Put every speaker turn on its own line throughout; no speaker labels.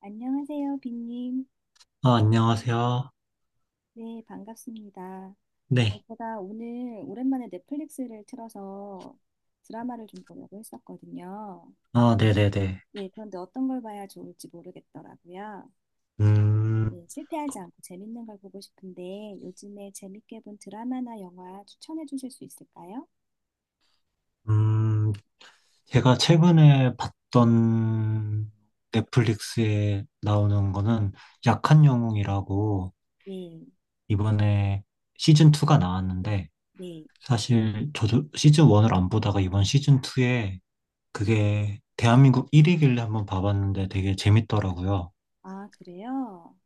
안녕하세요, 빈님.
아, 안녕하세요.
네, 반갑습니다.
네.
제가 오늘 오랜만에 넷플릭스를 틀어서 드라마를 좀 보려고 했었거든요.
아, 네네네.
네, 그런데 어떤 걸 봐야 좋을지 모르겠더라고요.
음,
네, 실패하지 않고 재밌는 걸 보고 싶은데 요즘에 재밌게 본 드라마나 영화 추천해 주실 수 있을까요?
음, 제가 최근에 봤던 넷플릭스에 나오는 거는 약한 영웅이라고
네,
이번에 시즌2가 나왔는데,
네.
사실 저도 시즌1을 안 보다가 이번 시즌2에 그게 대한민국 1위길래 한번 봐봤는데 되게 재밌더라고요.
아, 그래요?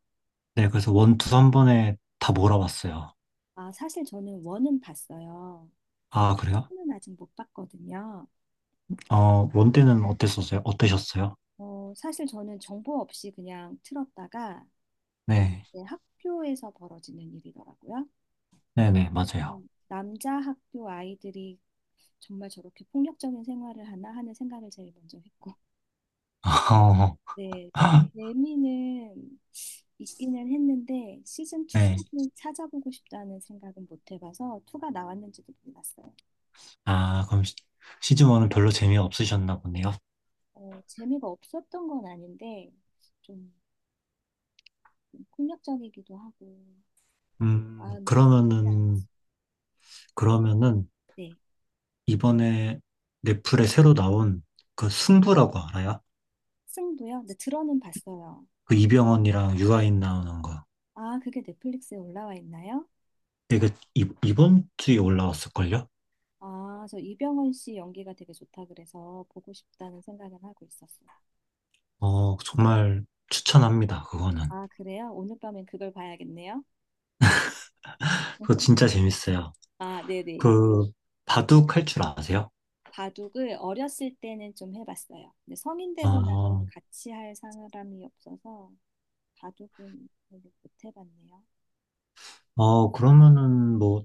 네, 그래서 원투한 번에 다 몰아봤어요.
아, 사실 저는 원은 봤어요.
아, 그래요?
투는 아직 못 봤거든요.
어, 원 때는 어땠었어요? 어떠셨어요?
사실 저는 정보 없이 그냥 틀었다가
네.
봤는데 학교에서 벌어지는 일이더라고요.
네네, 맞아요.
저는 남자 학교 아이들이 정말 저렇게 폭력적인 생활을 하나 하는 생각을 제일 먼저 했고, 네, 레미는 있기는 했는데 시즌
네.
2까지 찾아보고 싶다는 생각은 못 해봐서 2가 나왔는지도 몰랐어요.
아, 그럼 시즌 1은 별로 재미 없으셨나 보네요.
재미가 없었던 건 아닌데 좀 폭력적이기도 하고 마음이 좀 쉽지
그러면은,
않았어요.
그러면은,
네,
이번에 넷플에 새로 나온 그 승부라고 알아요?
승도요? 근데 들어는 봤어요.
그 이병헌이랑 유아인 나오는 거.
아, 그게 넷플릭스에 올라와 있나요?
이게 이번 주에 올라왔을걸요?
아, 저 이병헌 씨 연기가 되게 좋다 그래서 보고 싶다는 생각은 하고 있었어요.
어, 정말 추천합니다, 그거는.
아, 그래요? 오늘 밤엔 그걸 봐야겠네요.
그거 진짜 재밌어요.
아, 네네.
그, 바둑 할 줄 아세요?
바둑을 어렸을 때는 좀 해봤어요. 근데 성인 되고 나서는
아,
같이 할 사람이 없어서 바둑은 별로 못 해봤네요.
어, 그러면은 뭐,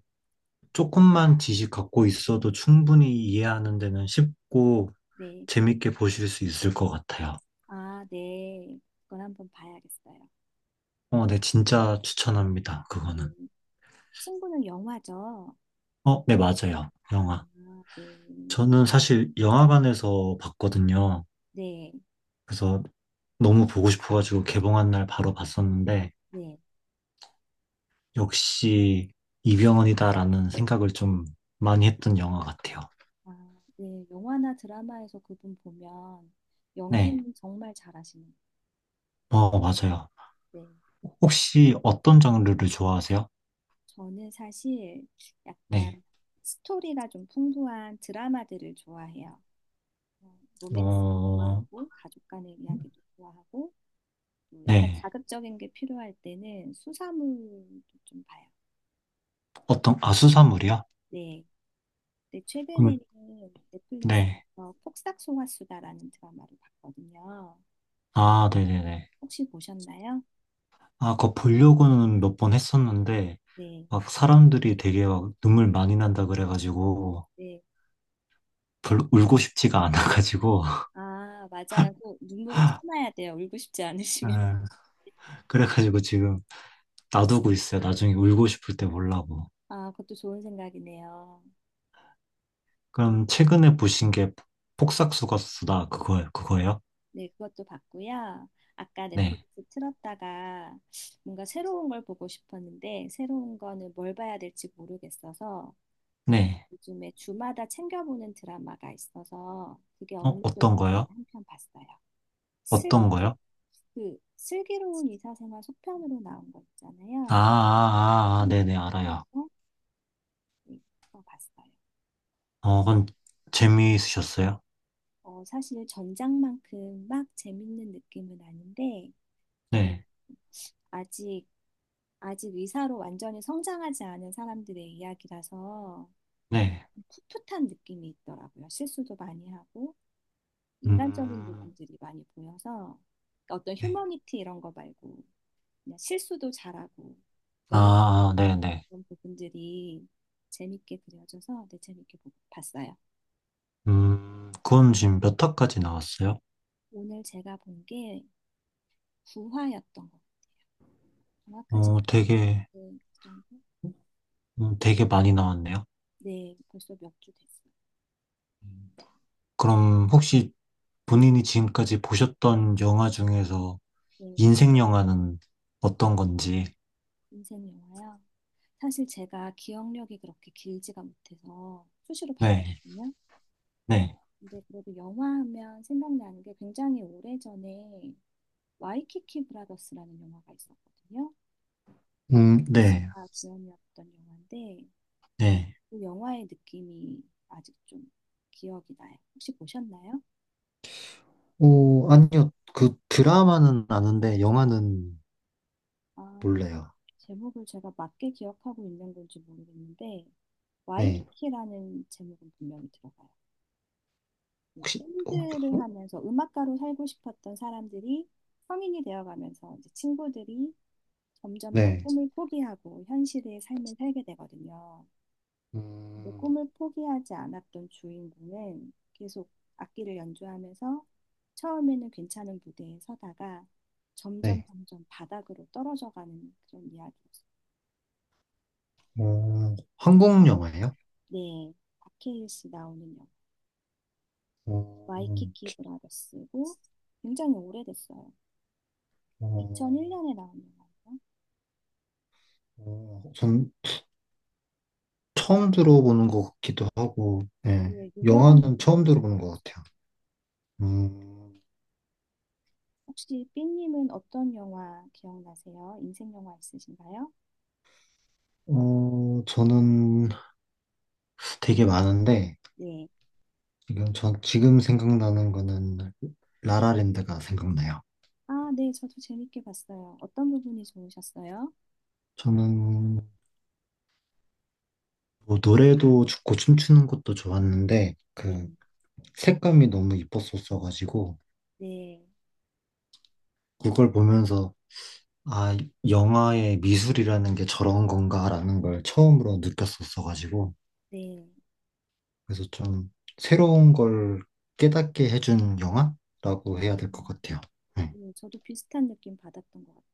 조금만 지식 갖고 있어도 충분히 이해하는 데는 쉽고
네.
재밌게 보실 수 있을 것 같아요.
아, 네. 그걸 한번 봐야겠어요.
어, 네, 진짜 추천합니다. 그거는.
음, 친구는 영화죠.
어, 네, 맞아요.
아,
영화.
네.
저는 사실 영화관에서 봤거든요.
네,
그래서 너무 보고 싶어가지고 개봉한 날 바로 봤었는데
네.
역시 이병헌이다라는 생각을 좀 많이 했던 영화 같아요.
아, 네, 영화나 드라마에서 그분 보면
네,
연기는 정말 잘하시는 것
어, 맞아요.
같아요. 네,
혹시 어떤 장르를 좋아하세요?
저는 사실
네,
약간 스토리가 좀 풍부한 드라마들을 좋아해요. 로맨스
어,
좋아하고 가족 간의 이야기도 좋아하고 또 약간
네.
자극적인 게 필요할 때는 수사물도 좀 봐요.
어떤, 아, 수사물이야?
네, 근데 최근에는
그럼, 네.
넷플릭스에서 폭삭 속았수다라는 드라마를 봤거든요.
아, 네네네.
혹시 보셨나요?
아, 그거 보려고는 몇 번 했었는데,
네,
막 사람들이 되게 막 눈물 많이 난다 그래가지고,
네.
별로 울고 싶지가 않아가지고,
아, 맞아요. 그 눈물을 참아야 돼요. 울고 싶지 않으시면.
아, 그래가지고 지금 놔두고 있어요. 나중에 울고 싶을 때 보려고.
아, 그것도 좋은 생각이네요. 네,
그럼 최근에 보신 게 폭삭속았수다, 그거예요?
네, 그것도 봤고요. 아까
네.
넷플릭스 틀었다가 뭔가 새로운 걸 보고 싶었는데 새로운 거는 뭘 봐야 될지 모르겠어서
네.
요즘에 주마다 챙겨보는 드라마가 있어서 그게
어,
없는 것
어떤
같은데
거요?
한편 봤어요. 슬,
어떤 거요?
그 슬기로운 의사생활 속편으로 나온 거
아, 아,
있잖아요.
아, 아,
음. 음.
네네, 알아요.
음. 네, 그거 봤어요.
어, 그건 재미있으셨어요?
사실 전작만큼 막 재밌는 느낌은 아닌데, 그래-
네.
아직, 아직 의사로 완전히 성장하지 않은 사람들의 이야기라서
네.
풋풋한 느낌이 있더라고요. 실수도 많이 하고, 인간적인
음,
부분들이 많이 보여서, 어떤
네.
휴머니티 이런 거 말고, 그냥 실수도 잘하고,
아,
넘어지기도
아,
잘하는
네네.
그런 부분들이 재밌게 그려져서 되게 재밌게 봤어요.
그건 지금 몇 화까지 나왔어요?
오늘 제가 본 게 구화였던 것 같아요. 정확하진
어,
않은데,
되게,
그 정도?
되게 많이 나왔네요.
네, 벌써 몇 주 됐어요.
음, 그럼 혹시 본인이 지금까지 보셨던 영화 중에서
네,
인생 영화는 어떤 건지?
인생 영화요. 사실 제가 기억력이 그렇게 길지가 못해서 수시로
네,
바뀌거든요.
네,
근데 그래도 영화 하면 생각나는 게 굉장히 오래전에 와이키키 브라더스라는 영화가 있었거든요. 박하스
네,
씨가 주연이었던 영화인데
네.
그 영화의 느낌이 아직 좀 기억이 나요. 혹시 보셨나요?
오, 아니요. 그 드라마는 아는데 영화는
아,
몰라요.
제목을 제가 맞게 기억하고 있는 건지 모르겠는데
네.
와이키키라는 제목은 분명히 들어가요.
혹시, 어,
밴드를 하면서 음악가로 살고 싶었던 사람들이 성인이 되어가면서 이제 친구들이 점점 다
네.
꿈을 포기하고 현실의 삶을 살게 되거든요. 근데
음,
꿈을 포기하지 않았던 주인공은 계속 악기를 연주하면서 처음에는 괜찮은 무대에 서다가 점점
네.
점점 바닥으로 떨어져가는 그런 이야기였어요.
어, 한국 영화예요?
네, 박해일 씨 나오는 영화
어,
와이키키 브라더스고 굉장히 오래됐어요.
어,
2001년에 나온 영화예요.
어, 전 처음 들어보는 것 같기도 하고, 예.
네, 유명한
영화는 처음
영화로 가는
들어보는 것
거죠.
같아요. 음,
혹시 삐님은 어떤 영화 기억나세요? 인생 영화 있으신가요?
어, 저는 되게 많은데,
네.
전 지금 생각나는 거는 라라랜드가 생각나요.
아, 네, 저도 재밌게 봤어요. 어떤 부분이 좋으셨어요?
저는 뭐 노래도 좋고 춤추는 것도 좋았는데,
네,
그 색감이 너무 이뻤었어가지고,
네,
그걸 보면서 아, 영화의 미술이라는 게 저런 건가라는 걸 처음으로 느꼈었어가지고,
네.
그래서 좀 새로운 걸 깨닫게 해준 영화라고
아,
해야 될 것 같아요. 네.
네, 저도 비슷한 느낌 받았던 것 같아요.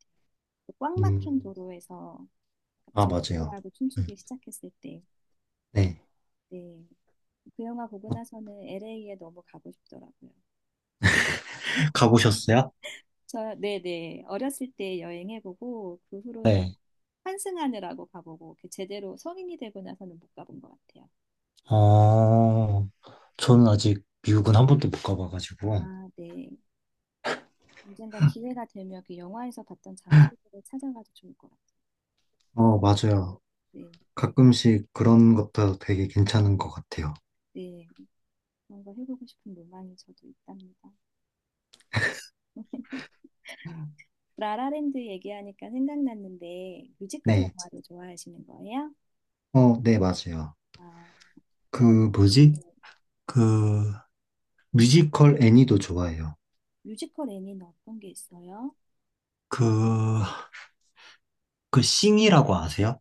그 꽉 막힌
음,
도로에서
아,
갑자기 노
맞아요.
래하고
음,
춤추기 시작했을 때,
네.
네, 그 영화 보고 나서는 LA에 너무 가고 싶더라고요.
가보셨어요?
저, 네네. 어렸을 때 여행해보고, 그 후로는
네.
환승하느라고 가보고, 이렇게 제대로 성인이 되고 나서는 못 가본 것 같아요.
어, 저는 아직 미국은 한 번도 못 가봐가지고,
아, 네. 언젠가 기회가 되면 그 영화에서 봤던 장소들을 찾아가도 좋을 것 같아요.
어, 맞아요.
네,
가끔씩 그런 것도 되게 괜찮은 것 같아요.
네. 그런 거 해보고 싶은 로망이 저도 있답니다. 라라랜드 얘기하니까 생각났는데, 뮤지컬
네.
영화를 좋아하시는 거예요?
어, 네, 맞아요.
아,
그,
또,
뭐지?
네.
그, 뮤지컬 애니도 좋아해요.
뮤지컬 애니는 어떤 게 있어요?
그, 그 싱이라고 아세요?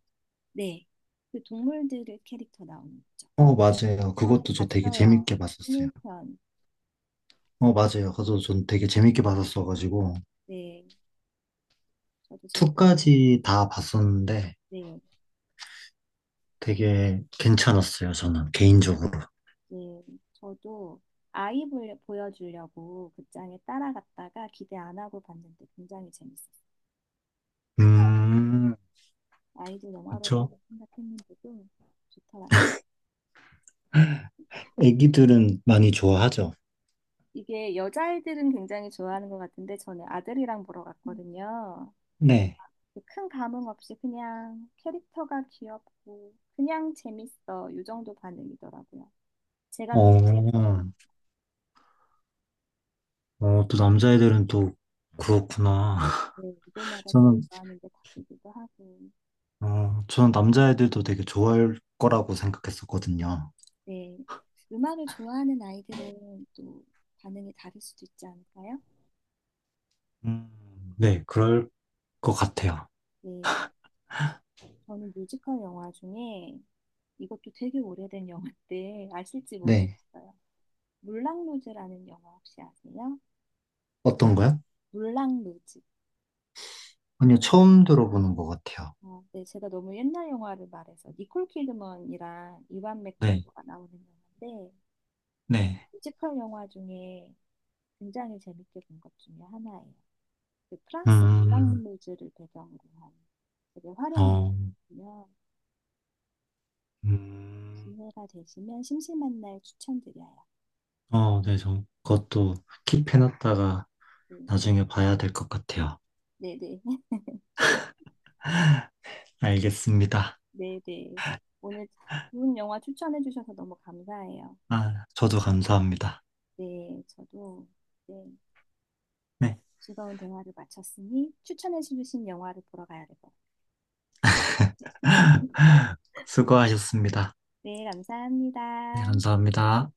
네. 그 동물들의 캐릭터 나오는 거죠.
어, 맞아요.
어, 저
그것도 저 되게
봤어요.
재밌게 봤었어요.
흥일편.
어, 맞아요. 그래서 전 되게 재밌게 봤었어가지고,
네, 저도 재밌,
2까지 다 봤었는데
네,
되게 괜찮았어요. 저는 개인적으로.
네. 저도 보여주려고 극장에 따라갔다가 기대 안 하고 봤는데 굉장히 재밌었어요.
음,
아이들 영화로
그쵸.
생각했는데도 좋더라고요.
애기들은 많이 좋아하죠.
이게 여자아이들은 굉장히 좋아하는 것 같은데 저는 아들이랑 보러 갔거든요.
네.
큰 감흥 없이 그냥 캐릭터가 귀엽고 그냥 재밌어. 이 정도 반응이더라고요. 제가 더
어,
좋아했던 것
어, 또 남자애들은 또 그렇구나.
네, 무대마다 또
저는,
좋아하는 게 다르기도 하고,
어, 저는 남자애들도 되게 좋아할 거라고 생각했었거든요.
네, 음악을 좋아하는 아이들은 또 반응이 다를 수도 있지 않을까요?
음, 네, 그럴 것 같아요.
네, 저는 뮤지컬 영화 중에 이것도 되게 오래된 영화인데 아실지
네.
모르겠어요. 물랑루즈라는 영화 혹시 아세요?
어떤 거요?
물랑루즈.
아니요, 처음 들어보는 것 같아요.
네, 제가 너무 옛날 영화를 말해서 니콜 키드먼이랑 이완
네,
맥그리거가 나오는 영화인데
네.
뮤지컬 영화 중에 굉장히 재밌게 본 것 중에 하나예요. 그 프랑스 문학
음,
무즈를 배경으로 한 되게 화려한
어,
거요.
음,
기회가 되시면 심심한 날 추천드려요.
어, 네, 저 그것도 킵해놨다가
음,
나중에 봐야 될 것 같아요.
네네.
알겠습니다.
네네. 오늘 좋은 영화 추천해 주셔서 너무 감사해요.
아, 저도 감사합니다.
네, 저도 네,
네,
즐거운 대화를 마쳤으니 추천해 주신 영화를 보러 가야 될 것 같아요.
수고하셨습니다.
네,
네,
감사합니다.
감사합니다.